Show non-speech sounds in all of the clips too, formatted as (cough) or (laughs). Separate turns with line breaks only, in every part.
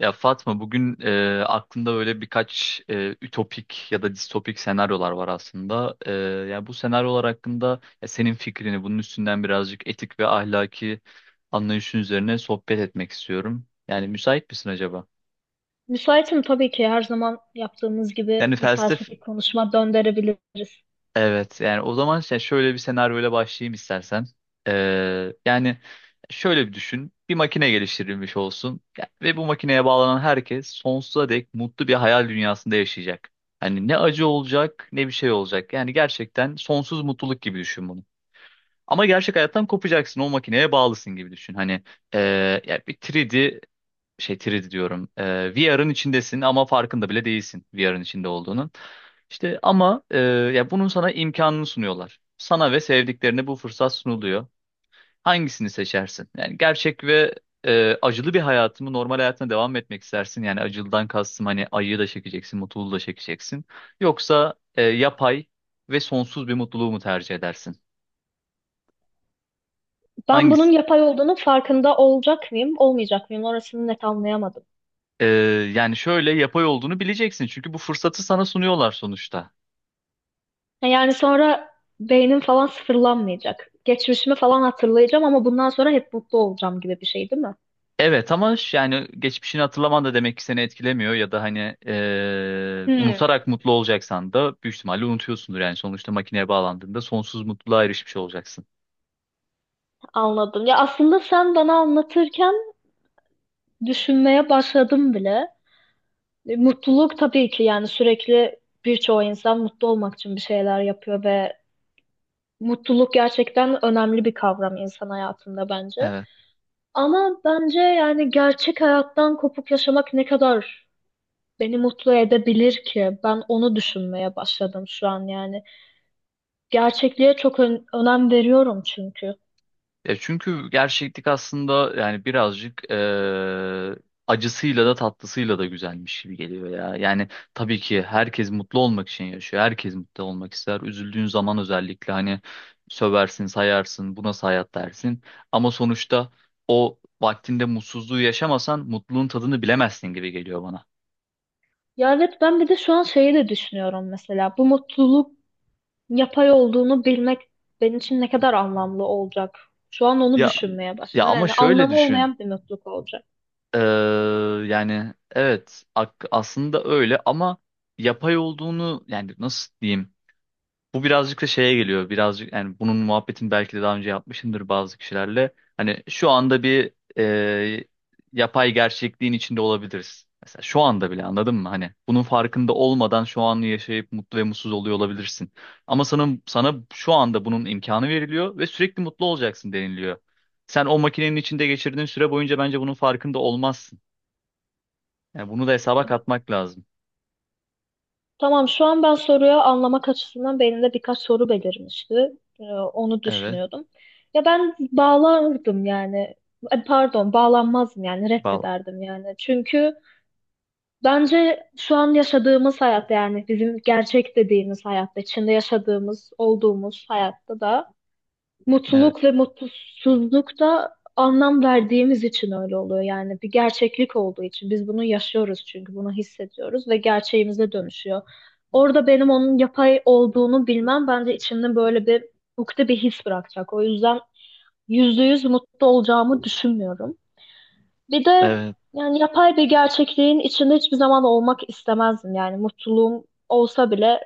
Ya Fatma bugün aklımda böyle birkaç ütopik ya da distopik senaryolar var aslında. Ya bu senaryolar hakkında ya senin fikrini bunun üstünden birazcık etik ve ahlaki anlayışın üzerine sohbet etmek istiyorum. Yani müsait misin acaba?
Müsaitim tabii ki, her zaman yaptığımız gibi
Yani
bir
felsef.
felsefi konuşma döndürebiliriz.
Evet, yani o zaman şöyle bir senaryoyla başlayayım istersen. Yani şöyle bir düşün. Bir makine geliştirilmiş olsun ve bu makineye bağlanan herkes sonsuza dek mutlu bir hayal dünyasında yaşayacak. Hani ne acı olacak ne bir şey olacak. Yani gerçekten sonsuz mutluluk gibi düşün bunu. Ama gerçek hayattan kopacaksın, o makineye bağlısın gibi düşün. Hani ee, ya bir 3D, 3D diyorum. VR'ın içindesin ama farkında bile değilsin VR'ın içinde olduğunun. İşte ama ya bunun sana imkanını sunuyorlar. Sana ve sevdiklerine bu fırsat sunuluyor. Hangisini seçersin? Yani gerçek ve acılı bir hayatımı normal hayatına devam etmek istersin. Yani acılıdan kastım hani acıyı da çekeceksin, mutluluğu da çekeceksin. Yoksa yapay ve sonsuz bir mutluluğu mu tercih edersin?
Ben bunun
Hangisi?
yapay olduğunun farkında olacak mıyım, olmayacak mıyım? Orasını net anlayamadım.
E, Yani şöyle, yapay olduğunu bileceksin çünkü bu fırsatı sana sunuyorlar sonuçta.
Ha, yani sonra beynim falan sıfırlanmayacak. Geçmişimi falan hatırlayacağım ama bundan sonra hep mutlu olacağım gibi bir şey değil mi?
Evet ama yani geçmişini hatırlaman da demek ki seni etkilemiyor, ya da hani
Hmm,
unutarak mutlu olacaksan da büyük ihtimalle unutuyorsundur. Yani sonuçta makineye bağlandığında sonsuz mutluluğa erişmiş olacaksın.
anladım. Ya aslında sen bana anlatırken düşünmeye başladım bile. Mutluluk tabii ki, yani sürekli birçoğu insan mutlu olmak için bir şeyler yapıyor ve mutluluk gerçekten önemli bir kavram insan hayatında bence. Ama bence yani gerçek hayattan kopuk yaşamak ne kadar beni mutlu edebilir ki? Ben onu düşünmeye başladım şu an yani. Gerçekliğe çok önem veriyorum çünkü.
Ya çünkü gerçeklik aslında yani birazcık acısıyla da tatlısıyla da güzelmiş gibi geliyor ya. Yani tabii ki herkes mutlu olmak için yaşıyor. Herkes mutlu olmak ister. Üzüldüğün zaman özellikle hani söversin, sayarsın, bu nasıl hayat dersin. Ama sonuçta o vaktinde mutsuzluğu yaşamasan mutluluğun tadını bilemezsin gibi geliyor bana.
Ya evet, ben bir de şu an şeyi de düşünüyorum mesela. Bu mutluluk yapay olduğunu bilmek benim için ne kadar anlamlı olacak? Şu an onu
Ya
düşünmeye
ya
başladım.
ama
Yani
şöyle
anlamı
düşün.
olmayan bir mutluluk olacak.
Eee, Yani evet, aslında öyle ama yapay olduğunu, yani nasıl diyeyim? Bu birazcık da şeye geliyor. Birazcık yani bunun muhabbetini belki de daha önce yapmışımdır bazı kişilerle. Hani şu anda bir e, yapay gerçekliğin içinde olabiliriz. Mesela şu anda bile, anladın mı? Hani bunun farkında olmadan şu anı yaşayıp mutlu ve mutsuz oluyor olabilirsin. Ama sana şu anda bunun imkanı veriliyor ve sürekli mutlu olacaksın deniliyor. Sen o makinenin içinde geçirdiğin süre boyunca bence bunun farkında olmazsın. Yani bunu da hesaba katmak lazım.
Tamam, şu an ben soruyu anlamak açısından beynimde birkaç soru belirmişti. Onu
Evet.
düşünüyordum. Ya ben bağlardım yani. Ay, pardon, bağlanmazdım yani,
Vallahi.
reddederdim yani. Çünkü bence şu an yaşadığımız hayatta, yani bizim gerçek dediğimiz hayatta, içinde yaşadığımız, olduğumuz hayatta da
Evet.
mutluluk ve mutsuzluk da anlam verdiğimiz için öyle oluyor. Yani bir gerçeklik olduğu için biz bunu yaşıyoruz, çünkü bunu hissediyoruz ve gerçeğimize dönüşüyor. Orada benim onun yapay olduğunu bilmem bence içimde böyle bir ukde, bir his bırakacak. O yüzden yüzde yüz mutlu olacağımı düşünmüyorum. Bir de
Evet.
yani yapay bir gerçekliğin içinde hiçbir zaman olmak istemezdim. Yani mutluluğum olsa bile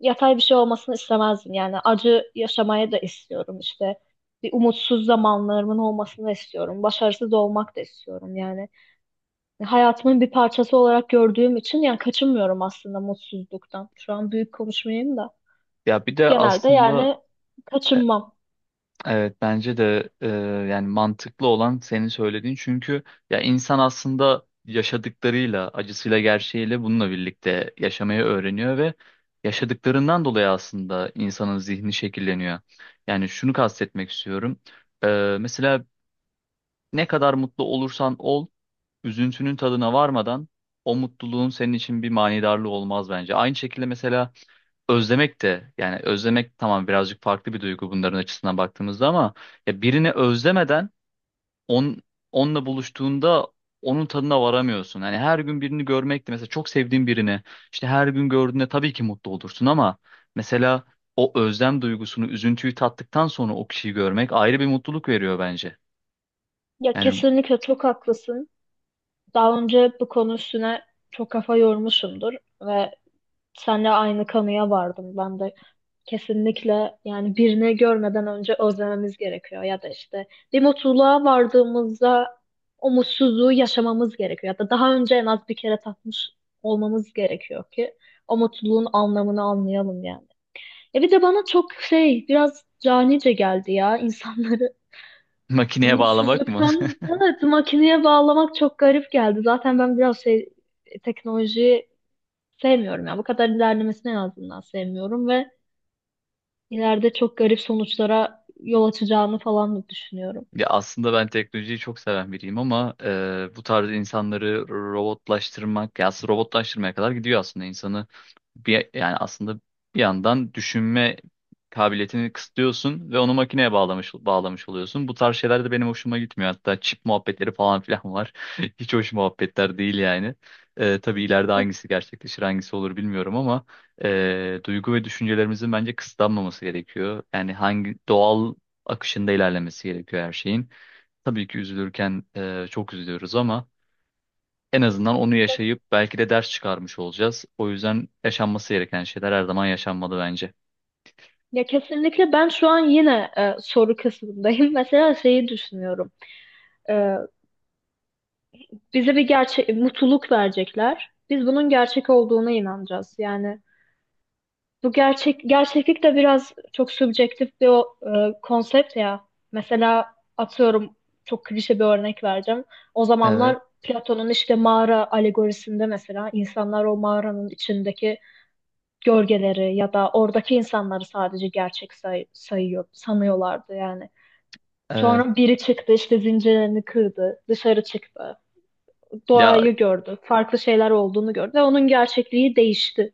yatay bir şey olmasını istemezdim. Yani acı yaşamaya da istiyorum işte. Bir umutsuz zamanlarımın olmasını istiyorum. Başarısız olmak da istiyorum yani. Hayatımın bir parçası olarak gördüğüm için yani kaçınmıyorum aslında mutsuzluktan. Şu an büyük konuşmayayım da.
Ya bir de
Genelde
aslında
yani kaçınmam.
evet, bence de yani mantıklı olan senin söylediğin, çünkü ya insan aslında yaşadıklarıyla, acısıyla, gerçeğiyle bununla birlikte yaşamayı öğreniyor ve yaşadıklarından dolayı aslında insanın zihni şekilleniyor. Yani şunu kastetmek istiyorum. Mesela ne kadar mutlu olursan ol, üzüntünün tadına varmadan o mutluluğun senin için bir manidarlığı olmaz bence. Aynı şekilde mesela özlemek de, yani özlemek tamam birazcık farklı bir duygu bunların açısından baktığımızda, ama ya birini özlemeden, on, onunla buluştuğunda onun tadına varamıyorsun. Hani her gün birini görmek de, mesela çok sevdiğin birini işte her gün gördüğünde tabii ki mutlu olursun ama mesela o özlem duygusunu, üzüntüyü tattıktan sonra o kişiyi görmek ayrı bir mutluluk veriyor bence.
Ya
Yani
kesinlikle çok haklısın. Daha önce bu konu üstüne çok kafa yormuşumdur ve seninle aynı kanıya vardım ben de. Kesinlikle yani, birini görmeden önce özlememiz gerekiyor ya da işte bir mutluluğa vardığımızda o mutsuzluğu yaşamamız gerekiyor ya da daha önce en az bir kere tatmış olmamız gerekiyor ki o mutluluğun anlamını anlayalım yani. E bir de bana çok şey, biraz canice geldi ya, insanları
(laughs)
(laughs)
makineye bağlamak mı?
mutsuzluktan,
(laughs)
evet, makineye bağlamak çok garip geldi. Zaten ben biraz şey, teknolojiyi sevmiyorum ya, bu kadar ilerlemesine en azından sevmiyorum ve ileride çok garip sonuçlara yol açacağını falan da düşünüyorum.
Ya aslında ben teknolojiyi çok seven biriyim ama bu tarz insanları robotlaştırmak, ya aslında robotlaştırmaya kadar gidiyor aslında insanı. Bir, yani aslında bir yandan düşünme kabiliyetini kısıtlıyorsun ve onu makineye bağlamış oluyorsun. Bu tarz şeyler de benim hoşuma gitmiyor. Hatta çip muhabbetleri falan filan var. (laughs) Hiç hoş muhabbetler değil yani. Tabii ileride
Ya,
hangisi gerçekleşir, hangisi olur bilmiyorum ama duygu ve düşüncelerimizin bence kısıtlanmaması gerekiyor. Yani hangi doğal akışında ilerlemesi gerekiyor her şeyin. Tabii ki üzülürken çok üzülüyoruz ama en azından onu
ya-
yaşayıp belki de ders çıkarmış olacağız. O yüzden yaşanması gereken şeyler her zaman yaşanmalı bence.
ya kesinlikle ben şu an yine soru kısmındayım. (laughs) Mesela şeyi düşünüyorum. E, bize bir gerçek mutluluk verecekler. Biz bunun gerçek olduğuna inanacağız. Yani bu gerçek gerçeklik de biraz çok subjektif bir konsept ya. Mesela atıyorum, çok klişe bir örnek vereceğim. O
Evet,
zamanlar Platon'un işte mağara alegorisinde mesela insanlar o mağaranın içindeki gölgeleri ya da oradaki insanları sadece gerçek sayıyor, sanıyorlardı yani.
evet.
Sonra biri çıktı, işte zincirlerini kırdı, dışarı çıktı,
Ya,
doğayı gördü, farklı şeyler olduğunu gördü ve onun gerçekliği değişti.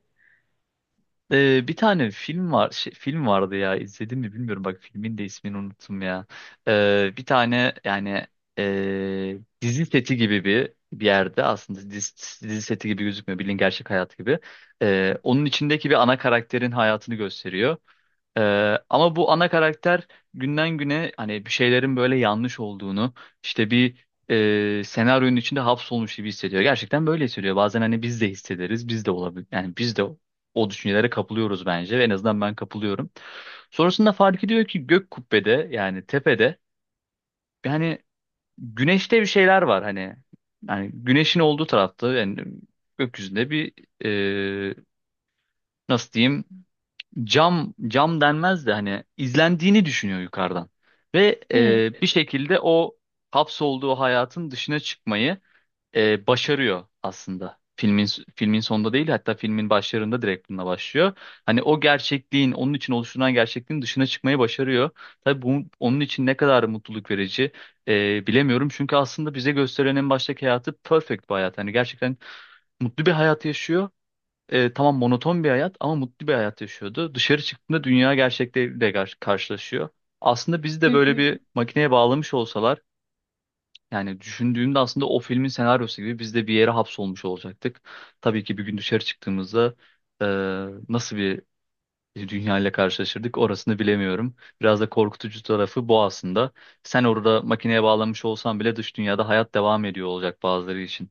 Bir tane film var şey, film vardı ya, izledim mi bilmiyorum bak, filmin de ismini unuttum ya. Bir tane yani dizi seti gibi bir yerde, aslında dizi seti gibi gözükmüyor, bildiğin gerçek hayat gibi. Onun içindeki bir ana karakterin hayatını gösteriyor. Ama bu ana karakter günden güne hani bir şeylerin böyle yanlış olduğunu, işte bir senaryonun içinde hapsolmuş gibi hissediyor. Gerçekten böyle hissediyor. Bazen hani biz de hissederiz. Biz de olabilir. Yani biz de o düşüncelere kapılıyoruz bence. En azından ben kapılıyorum. Sonrasında fark ediyor ki gök kubbede, yani tepede, yani güneşte bir şeyler var hani. Yani güneşin olduğu tarafta, yani gökyüzünde bir e, nasıl diyeyim, cam denmez de hani, izlendiğini düşünüyor yukarıdan. Ve
Hmm.
bir şekilde o hapsolduğu hayatın dışına çıkmayı başarıyor aslında. Filmin sonunda değil, hatta filmin başlarında direkt bununla başlıyor. Hani o gerçekliğin, onun için oluşturulan gerçekliğin dışına çıkmayı başarıyor. Tabii bu onun için ne kadar mutluluk verici bilemiyorum. Çünkü aslında bize gösterilen en baştaki hayatı perfect bir hayat. Hani gerçekten mutlu bir hayat yaşıyor, tamam monoton bir hayat ama mutlu bir hayat yaşıyordu. Dışarı çıktığında dünya gerçekleriyle karşılaşıyor. Aslında bizi
Hı
de böyle
hı.
bir makineye bağlamış olsalar, yani düşündüğümde aslında o filmin senaryosu gibi biz de bir yere hapsolmuş olacaktık. Tabii ki bir gün dışarı çıktığımızda e, nasıl bir dünya ile karşılaşırdık orasını bilemiyorum. Biraz da korkutucu tarafı bu aslında. Sen orada makineye bağlanmış olsan bile dış dünyada hayat devam ediyor olacak bazıları için.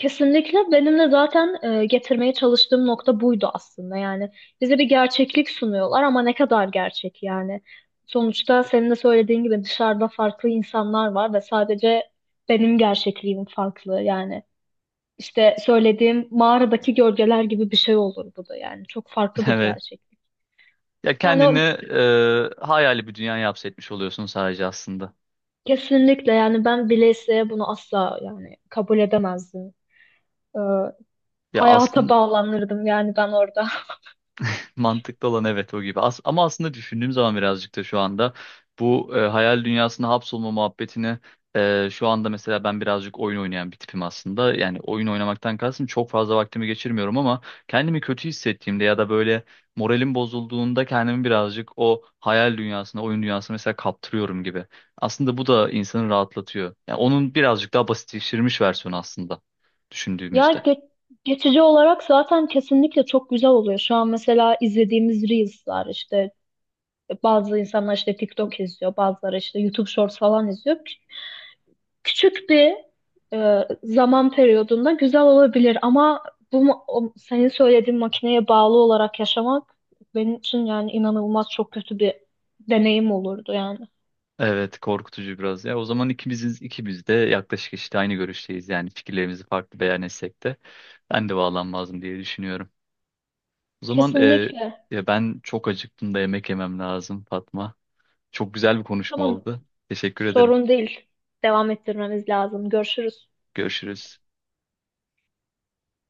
Kesinlikle benim de zaten getirmeye çalıştığım nokta buydu aslında. Yani bize bir gerçeklik sunuyorlar ama ne kadar gerçek yani. Sonuçta senin de söylediğin gibi dışarıda farklı insanlar var ve sadece benim gerçekliğim farklı yani. İşte söylediğim mağaradaki gölgeler gibi bir şey olur bu da yani. Çok farklı
(laughs)
bir
Evet.
gerçeklik.
Ya
Yani
kendini
o
hayali bir dünya hapsetmiş oluyorsun sadece aslında.
kesinlikle yani, ben bile isteye bunu asla yani kabul edemezdim. Ee,
Ya
hayata
aslında
bağlanırdım yani ben orada. (laughs)
(laughs) mantıklı olan evet o gibi. Ama aslında düşündüğüm zaman birazcık da, şu anda bu hayal dünyasına hapsolma muhabbetini, şu anda mesela ben birazcık oyun oynayan bir tipim aslında. Yani oyun oynamaktan kastım, çok fazla vaktimi geçirmiyorum ama kendimi kötü hissettiğimde ya da böyle moralim bozulduğunda kendimi birazcık o hayal dünyasına, oyun dünyasına mesela kaptırıyorum gibi. Aslında bu da insanı rahatlatıyor. Yani onun birazcık daha basitleştirilmiş versiyonu aslında,
Ya
düşündüğümüzde.
geçici olarak zaten kesinlikle çok güzel oluyor. Şu an mesela izlediğimiz Reels'lar işte, bazı insanlar işte TikTok izliyor, bazıları işte YouTube Shorts falan izliyor. Küçük bir zaman periyodunda güzel olabilir ama bu senin söylediğin makineye bağlı olarak yaşamak benim için yani inanılmaz çok kötü bir deneyim olurdu yani.
Evet, korkutucu biraz ya. O zaman ikimiz de yaklaşık işte aynı görüşteyiz. Yani fikirlerimizi farklı beyan etsek de ben de bağlanmazdım diye düşünüyorum. O zaman
Kesinlikle.
ya ben çok acıktım da yemek yemem lazım Fatma. Çok güzel bir konuşma
Tamam,
oldu. Teşekkür ederim.
sorun değil. Devam ettirmemiz lazım. Görüşürüz.
Görüşürüz.